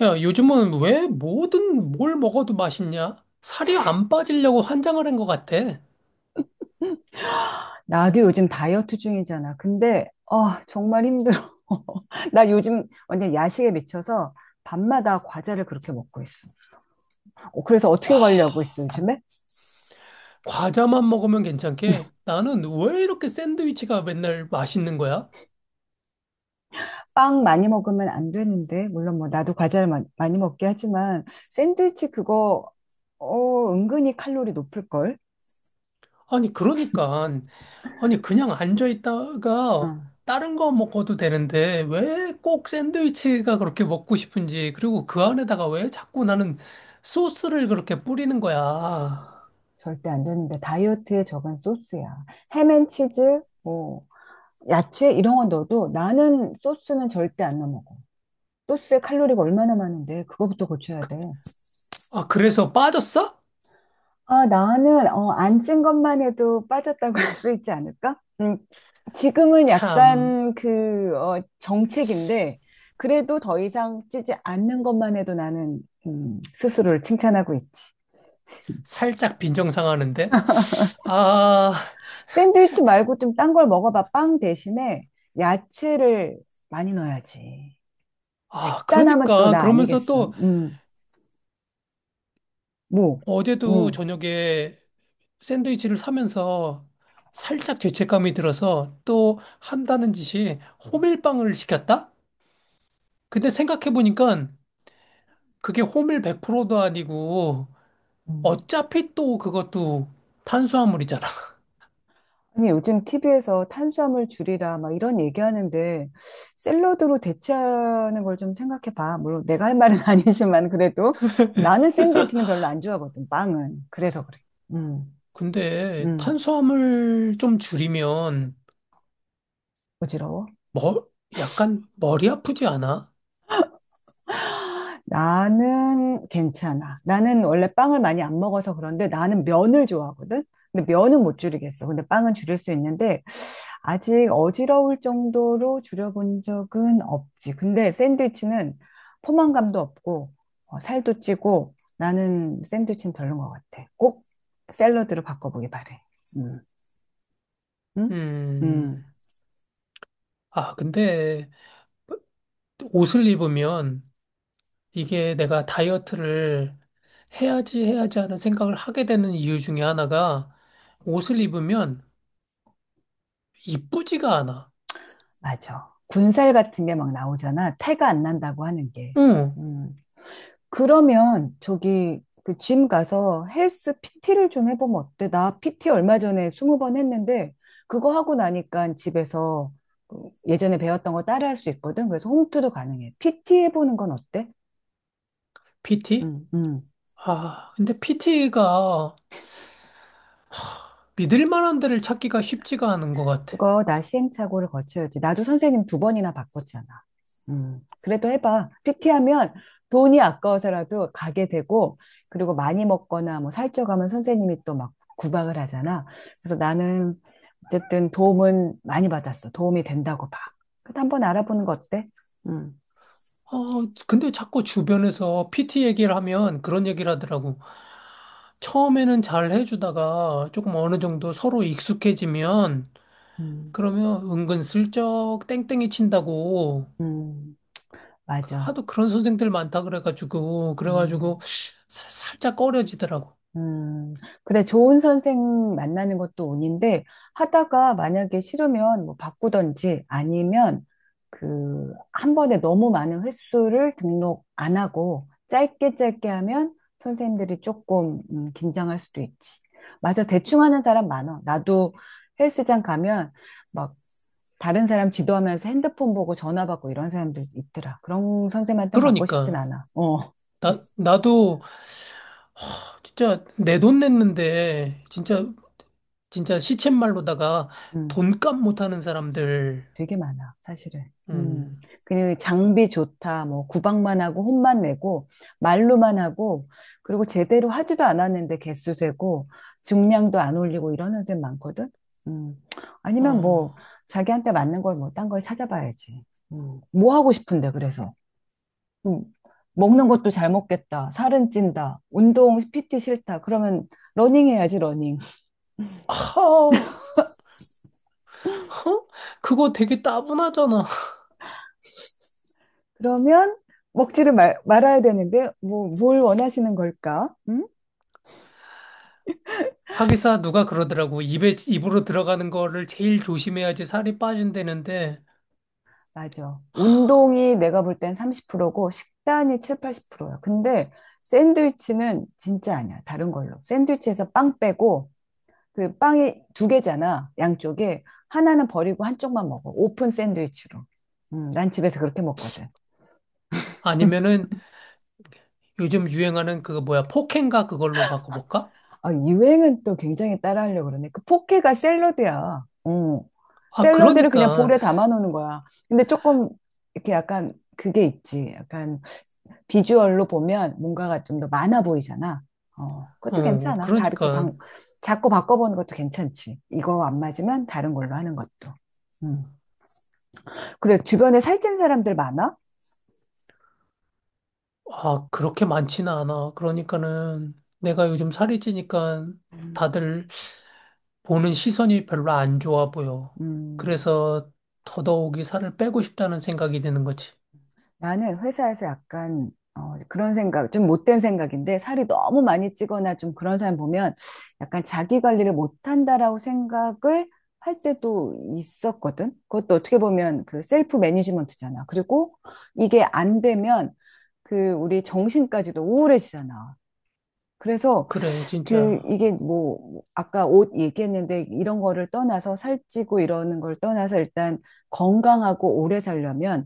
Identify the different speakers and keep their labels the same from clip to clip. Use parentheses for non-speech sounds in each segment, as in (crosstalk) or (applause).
Speaker 1: 야, 요즘은 왜 뭐든 뭘 먹어도 맛있냐? 살이 안 빠지려고 환장을 한 것 같아.
Speaker 2: 나도 요즘 다이어트 중이잖아. 근데, 아, 정말 힘들어. (laughs) 나 요즘 완전 야식에 미쳐서 밤마다 과자를 그렇게 먹고 있어. 어, 그래서
Speaker 1: 와,
Speaker 2: 어떻게 관리하고 있어, 요즘에?
Speaker 1: 과자만 먹으면 괜찮게 나는 왜 이렇게 샌드위치가 맨날 맛있는 거야?
Speaker 2: 빵 많이 먹으면 안 되는데, 물론 뭐 나도 과자를 많이 먹게 하지만, 샌드위치 그거, 어, 은근히 칼로리 높을걸?
Speaker 1: 아니, 그러니까. 아니, 그냥 앉아있다가
Speaker 2: 응,
Speaker 1: 다른 거 먹어도 되는데 왜 꼭 샌드위치가 그렇게 먹고 싶은지, 그리고 그 안에다가 왜 자꾸 나는 소스를 그렇게 뿌리는 거야?
Speaker 2: 절대 안 되는데, 다이어트에 적은 소스야. 햄앤치즈, 뭐, 야채 이런 거 넣어도 나는 소스는 절대 안 넣어. 소스에 칼로리가 얼마나 많은데 그거부터 고쳐야 돼.
Speaker 1: 아, 그래서 빠졌어?
Speaker 2: 아, 나는 어, 안 찐 것만 해도 빠졌다고 (laughs) 할 수 있지 않을까? 지금은
Speaker 1: 참,
Speaker 2: 약간 그 어, 정책인데 그래도 더 이상 찌지 않는 것만 해도 나는 스스로를 칭찬하고 있지.
Speaker 1: 살짝 빈정상하는데? 아.
Speaker 2: 샌드위치 말고 좀 딴 걸 먹어봐. 빵 대신에 야채를 많이 넣어야지.
Speaker 1: 아,
Speaker 2: 식단하면 또
Speaker 1: 그러니까
Speaker 2: 나
Speaker 1: 그러면서
Speaker 2: 아니겠어.
Speaker 1: 또
Speaker 2: 뭐,
Speaker 1: 어제도
Speaker 2: 음.
Speaker 1: 저녁에 샌드위치를 사면서 살짝 죄책감이 들어서 또 한다는 짓이 호밀빵을 시켰다? 근데 생각해보니까 그게 호밀 100%도 아니고
Speaker 2: 음.
Speaker 1: 어차피 또 그것도 탄수화물이잖아. (laughs)
Speaker 2: 아니, 요즘 TV에서 탄수화물 줄이라 막 이런 얘기하는데 샐러드로 대체하는 걸 좀 생각해 봐. 물론 내가 할 말은 (laughs) 아니지만 그래도 나는 샌드위치는 별로 안 좋아하거든. 빵은. 그래서 그래. 음.
Speaker 1: 근데
Speaker 2: 음.
Speaker 1: 탄수화물 좀 줄이면
Speaker 2: 어지러워?
Speaker 1: 머, 약간 머리 아프지 않아?
Speaker 2: 나는 괜찮아. 나는 원래 빵을 많이 안 먹어서 그런데 나는 면을 좋아하거든. 근데 면은 못 줄이겠어. 근데 빵은 줄일 수 있는데 아직 어지러울 정도로 줄여본 적은 없지. 근데 샌드위치는 포만감도 없고 어, 살도 찌고 나는 샌드위치는 별론 것 같아. 꼭 샐러드로 바꿔보기 바래. 음, 응?
Speaker 1: 음,
Speaker 2: 음,
Speaker 1: 아, 근데 옷을 입으면 이게 내가 다이어트를 해야지 해야지 하는 생각을 하게 되는 이유 중에 하나가 옷을 입으면 이쁘지가 않아.
Speaker 2: 맞아. 군살 같은 게 막 나오잖아. 태가 안 난다고 하는 게.
Speaker 1: 응.
Speaker 2: 음. 그러면 저기 그 짐 가서 헬스 PT를 좀 해보면 어때? 나 PT 얼마 전에 20번 했는데 그거 하고 나니까 집에서 그 예전에 배웠던 거 따라 할 수 있거든. 그래서 홈트도 가능해. PT 해보는 건 어때?
Speaker 1: PT?
Speaker 2: 응, 응.
Speaker 1: 아, 근데 PT가 믿을 만한 데를 찾기가 쉽지가 않은 것 같아.
Speaker 2: 그거 나 시행착오를 거쳐야지. 나도 선생님 두 번이나 바꿨잖아. 그래도 해봐. PT하면 돈이 아까워서라도 가게 되고, 그리고 많이 먹거나 뭐 살쪄가면 선생님이 또 막 구박을 하잖아. 그래서 나는 어쨌든 도움은 많이 받았어. 도움이 된다고 봐. 그래도 한번 알아보는 거 어때? 음,
Speaker 1: 어, 근데 자꾸 주변에서 PT 얘기를 하면 그런 얘기를 하더라고. 처음에는 잘 해주다가 조금 어느 정도 서로 익숙해지면
Speaker 2: 음,
Speaker 1: 그러면 은근슬쩍 땡땡이 친다고
Speaker 2: 음, 맞아.
Speaker 1: 하도 그런 선생들 많다 그래가지고
Speaker 2: 음.
Speaker 1: 그래가지고 살짝 꺼려지더라고.
Speaker 2: 음, 그래, 좋은 선생 만나는 것도 운인데, 하다가 만약에 싫으면 뭐 바꾸던지 아니면 그, 한 번에 너무 많은 횟수를 등록 안 하고, 짧게 짧게 하면 선생님들이 조금 긴장할 수도 있지. 맞아, 대충 하는 사람 많아. 나도 헬스장 가면 막 다른 사람 지도하면서 핸드폰 보고 전화 받고 이런 사람들 있더라. 그런 선생님한테는 받고 싶진
Speaker 1: 그러니까
Speaker 2: 않아. 어,
Speaker 1: 나 나도 진짜 내 돈 냈는데 진짜 진짜 시쳇말로다가
Speaker 2: 음.
Speaker 1: 돈값 못하는 사람들.
Speaker 2: 되게 많아, 사실은. 음.
Speaker 1: 음,
Speaker 2: 그냥 장비 좋다, 뭐, 구박만 하고, 혼만 내고, 말로만 하고, 그리고 제대로 하지도 않았는데 개수 세고, 중량도 안 올리고 이런 선생 많거든? 음. 아니면
Speaker 1: 어,
Speaker 2: 뭐, 자기한테 맞는 걸 뭐, 딴 걸 찾아봐야지. 음. 뭐 하고 싶은데, 그래서. 음. 먹는 것도 잘 먹겠다, 살은 찐다, 운동, PT 싫다. 그러면 러닝 해야지, 러닝.
Speaker 1: 하, 허? 그거 되게 따분하잖아.
Speaker 2: 그러면 먹지를 말아야 되는데, 뭐, 뭘 원하시는 걸까? 음?
Speaker 1: 하기사 누가
Speaker 2: 음,
Speaker 1: 그러더라고. 입에 입으로 들어가는 거를 제일 조심해야지 살이 빠진다는데.
Speaker 2: 맞아. 운동이 내가 볼 땐 30%고 식단이 7, 80%야. 근데 샌드위치는 진짜 아니야. 다른 걸로. 샌드위치에서 빵 빼고 그 빵이 두 개잖아. 양쪽에 하나는 버리고 한쪽만 먹어. 오픈 샌드위치로. 난 집에서 그렇게 먹거든. (laughs) 음.
Speaker 1: 아니면은 요즘 유행하는 그거 뭐야 폭행가 그걸로 바꿔볼까?
Speaker 2: 아, 유행은 또 굉장히 따라하려고 그러네. 그 포케가 샐러드야. 어.
Speaker 1: 아,
Speaker 2: 샐러드를 그냥 볼에 담아 놓는 거야. 근데 조금 이렇게 약간 그게 있지. 약간 비주얼로 보면 뭔가가 좀 더 많아 보이잖아. 어, 그것도 괜찮아. 다르게
Speaker 1: 그러니까,
Speaker 2: 자꾸 바꿔보는 것도 괜찮지. 이거 안 맞으면 다른 걸로 하는 것도. 음. 그래, 주변에 살찐 사람들 많아?
Speaker 1: 아, 그렇게 많지는 않아. 그러니까는 내가 요즘 살이 찌니까 다들 보는 시선이 별로 안 좋아 보여.
Speaker 2: 음,
Speaker 1: 그래서 더더욱이 살을 빼고 싶다는 생각이 드는 거지.
Speaker 2: 나는 회사에서 약간 어, 그런 생각, 좀 못된 생각인데, 살이 너무 많이 찌거나 좀 그런 사람 보면 약간 자기 관리를 못한다라고 생각을 할 때도 있었거든. 그것도 어떻게 보면 그 셀프 매니지먼트잖아. 그리고 이게 안 되면 그 우리 정신까지도 우울해지잖아. 그래서
Speaker 1: 그래,
Speaker 2: 그
Speaker 1: 진짜.
Speaker 2: 이게 뭐 아까 옷 얘기했는데 이런 거를 떠나서 살찌고 이러는 걸 떠나서 일단 건강하고 오래 살려면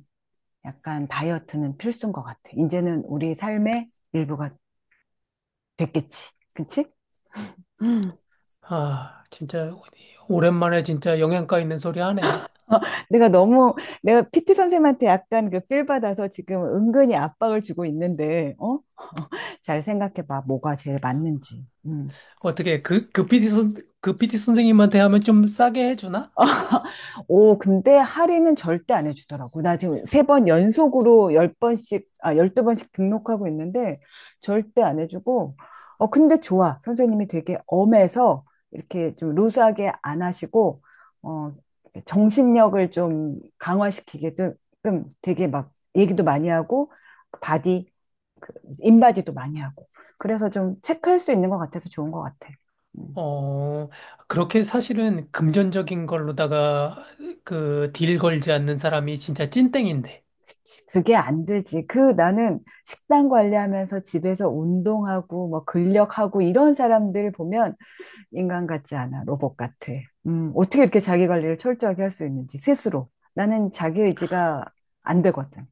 Speaker 2: 약간 다이어트는 필수인 것 같아. 이제는 우리 삶의 일부가 됐겠지. 그치? 음.
Speaker 1: 아, 진짜, 오랜만에 진짜 영양가 있는 소리 하네.
Speaker 2: 내가 너무 내가 PT 선생님한테 약간 그 필 받아서 지금 은근히 압박을 주고 있는데 어? 잘 생각해 봐. 뭐가 제일 맞는지. 음.
Speaker 1: 어떻게, 그 그 PT 선생님한테 하면 좀 싸게 해주나?
Speaker 2: 오, 근데 할인은 절대 안 해주더라고. 나 지금 세 번 연속으로 열 번씩, 아, 열두 번씩 등록하고 있는데 절대 안 해주고, 어, 근데 좋아. 선생님이 되게 엄해서 이렇게 좀 루스하게 안 하시고, 어, 정신력을 좀 강화시키게끔 되게 막 얘기도 많이 하고, 그 바디, 그 인바디도 많이 하고. 그래서 좀 체크할 수 있는 것 같아서 좋은 것 같아. 음.
Speaker 1: 어, 그렇게 사실은 금전적인 걸로다가 그 딜 걸지 않는 사람이 진짜 찐땡인데.
Speaker 2: 그게 안 되지. 그 나는 식단 관리하면서 집에서 운동하고 뭐 근력하고 이런 사람들 보면 인간 같지 않아. 로봇 같아. 어떻게 이렇게 자기 관리를 철저하게 할 수 있는지 스스로. 나는 자기 의지가 안 되거든.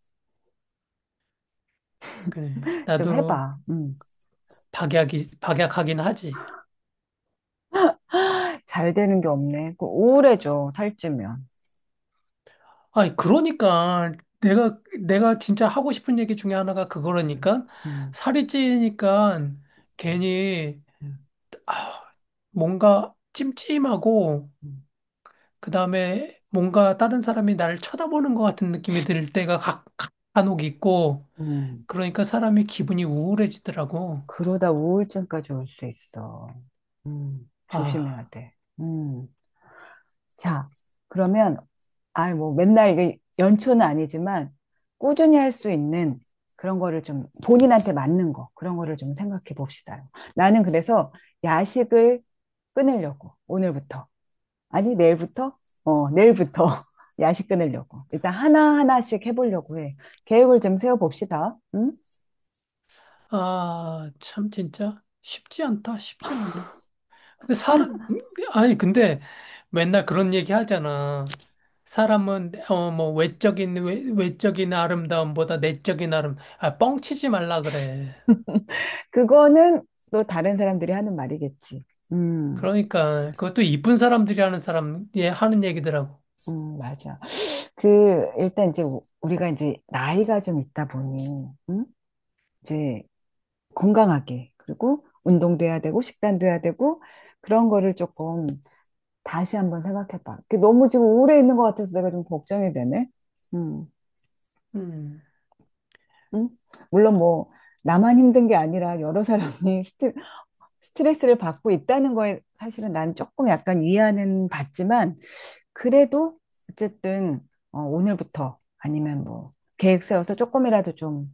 Speaker 1: 그래.
Speaker 2: 좀
Speaker 1: 나도
Speaker 2: 해봐.
Speaker 1: 박약하긴 하지.
Speaker 2: 잘 되는 게 없네. 그 우울해져. 살찌면.
Speaker 1: 아니, 그러니까 내가 진짜 하고 싶은 얘기 중에 하나가
Speaker 2: 음,
Speaker 1: 그거라니까
Speaker 2: 음,
Speaker 1: 살이 찌니까
Speaker 2: 음,
Speaker 1: 괜히,
Speaker 2: 음,
Speaker 1: 아, 뭔가 찜찜하고,
Speaker 2: 음.
Speaker 1: 그 다음에 뭔가 다른 사람이 나를 쳐다보는 것 같은 느낌이 들 때가 간혹 있고,
Speaker 2: 음.
Speaker 1: 그러니까 사람이 기분이 우울해지더라고.
Speaker 2: 그러다 우울증까지 올 수 있어. 조심해야
Speaker 1: 아,
Speaker 2: 돼. 음. 자, 그러면, 아, 뭐, 맨날 이게 연초는 아니지만, 꾸준히 할 수 있는 그런 거를 좀 본인한테 맞는 거, 그런 거를 좀 생각해 봅시다. 나는 그래서 야식을 끊으려고, 오늘부터. 아니, 내일부터? 어, 내일부터 (laughs) 야식 끊으려고. 일단 하나하나씩 해보려고 해. 계획을 좀 세워봅시다. 응?
Speaker 1: 아, 참 진짜 쉽지 않다, 쉽지 않아. 근데 사람, 아니, 근데 맨날 그런 얘기 하잖아. 사람은, 뭐, 외적인 아름다움보다 내적인 아, 뻥치지 말라 그래.
Speaker 2: 그거는 또 다른 사람들이 하는 말이겠지. 음,
Speaker 1: 그러니까, 그것도 이쁜 사람들이 하는 예, 하는 얘기더라고.
Speaker 2: 맞아. 그, 일단 이제 우리가 이제 나이가 좀 있다 보니, 응? 이제 건강하게, 그리고 운동도 해야 되고, 식단도 해야 되고, 그런 거를 조금 다시 한번 생각해봐. 그 너무 지금 우울해 있는 것 같아서 내가 좀 걱정이 되네. 음,
Speaker 1: 음,
Speaker 2: 음? 물론 뭐, 나만 힘든 게 아니라 여러 사람이 (laughs) 스트레스를 받고 있다는 거에 사실은 난 조금 약간 위안은 받지만, 그래도 어쨌든, 어, 오늘부터 아니면 뭐, 계획 세워서 조금이라도 좀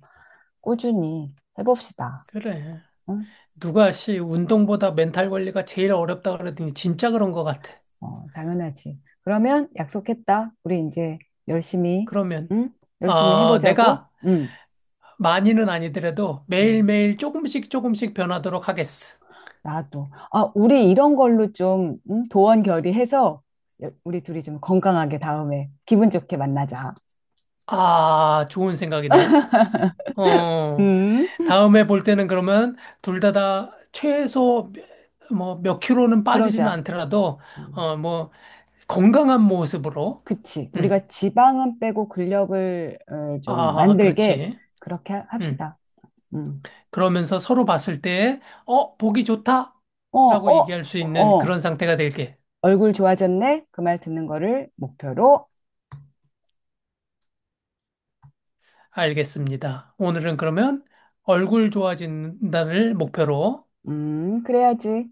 Speaker 2: 꾸준히 해봅시다.
Speaker 1: 그래.
Speaker 2: 응?
Speaker 1: 누가 씨, 운동보다 멘탈 관리가 제일 어렵다 그러더니 진짜 그런 것 같아.
Speaker 2: 어, 당연하지. 그러면 약속했다. 우리 이제 열심히,
Speaker 1: 그러면,
Speaker 2: 응? 열심히 해보자고.
Speaker 1: 내가
Speaker 2: 응.
Speaker 1: 많이는 아니더라도
Speaker 2: 응.
Speaker 1: 매일매일 조금씩 조금씩 변하도록 하겠어.
Speaker 2: 나도. 아, 우리 이런 걸로 좀 응? 도원 결의해서 우리 둘이 좀 건강하게 다음에 기분 좋게 만나자.
Speaker 1: 아, 좋은 생각이네. 어,
Speaker 2: 응?
Speaker 1: 다음에 볼 때는 그러면 둘 다 최소 뭐 몇 킬로는 빠지지는
Speaker 2: 그러자.
Speaker 1: 않더라도,
Speaker 2: 음.
Speaker 1: 어, 뭐 건강한 모습으로.
Speaker 2: 그치.
Speaker 1: 음.
Speaker 2: 우리가 지방은 빼고 근력을 어, 좀
Speaker 1: 아,
Speaker 2: 만들게
Speaker 1: 그렇지.
Speaker 2: 그렇게
Speaker 1: 음.
Speaker 2: 합시다. 응.
Speaker 1: 그러면서 서로 봤을 때, 보기 좋다,
Speaker 2: 어,
Speaker 1: 라고
Speaker 2: 어,
Speaker 1: 얘기할 수 있는
Speaker 2: 어.
Speaker 1: 그런 상태가 될게.
Speaker 2: 얼굴 좋아졌네? 그 말 듣는 거를 목표로,
Speaker 1: 알겠습니다. 오늘은 그러면 얼굴 좋아진다를 목표로
Speaker 2: 그래야지.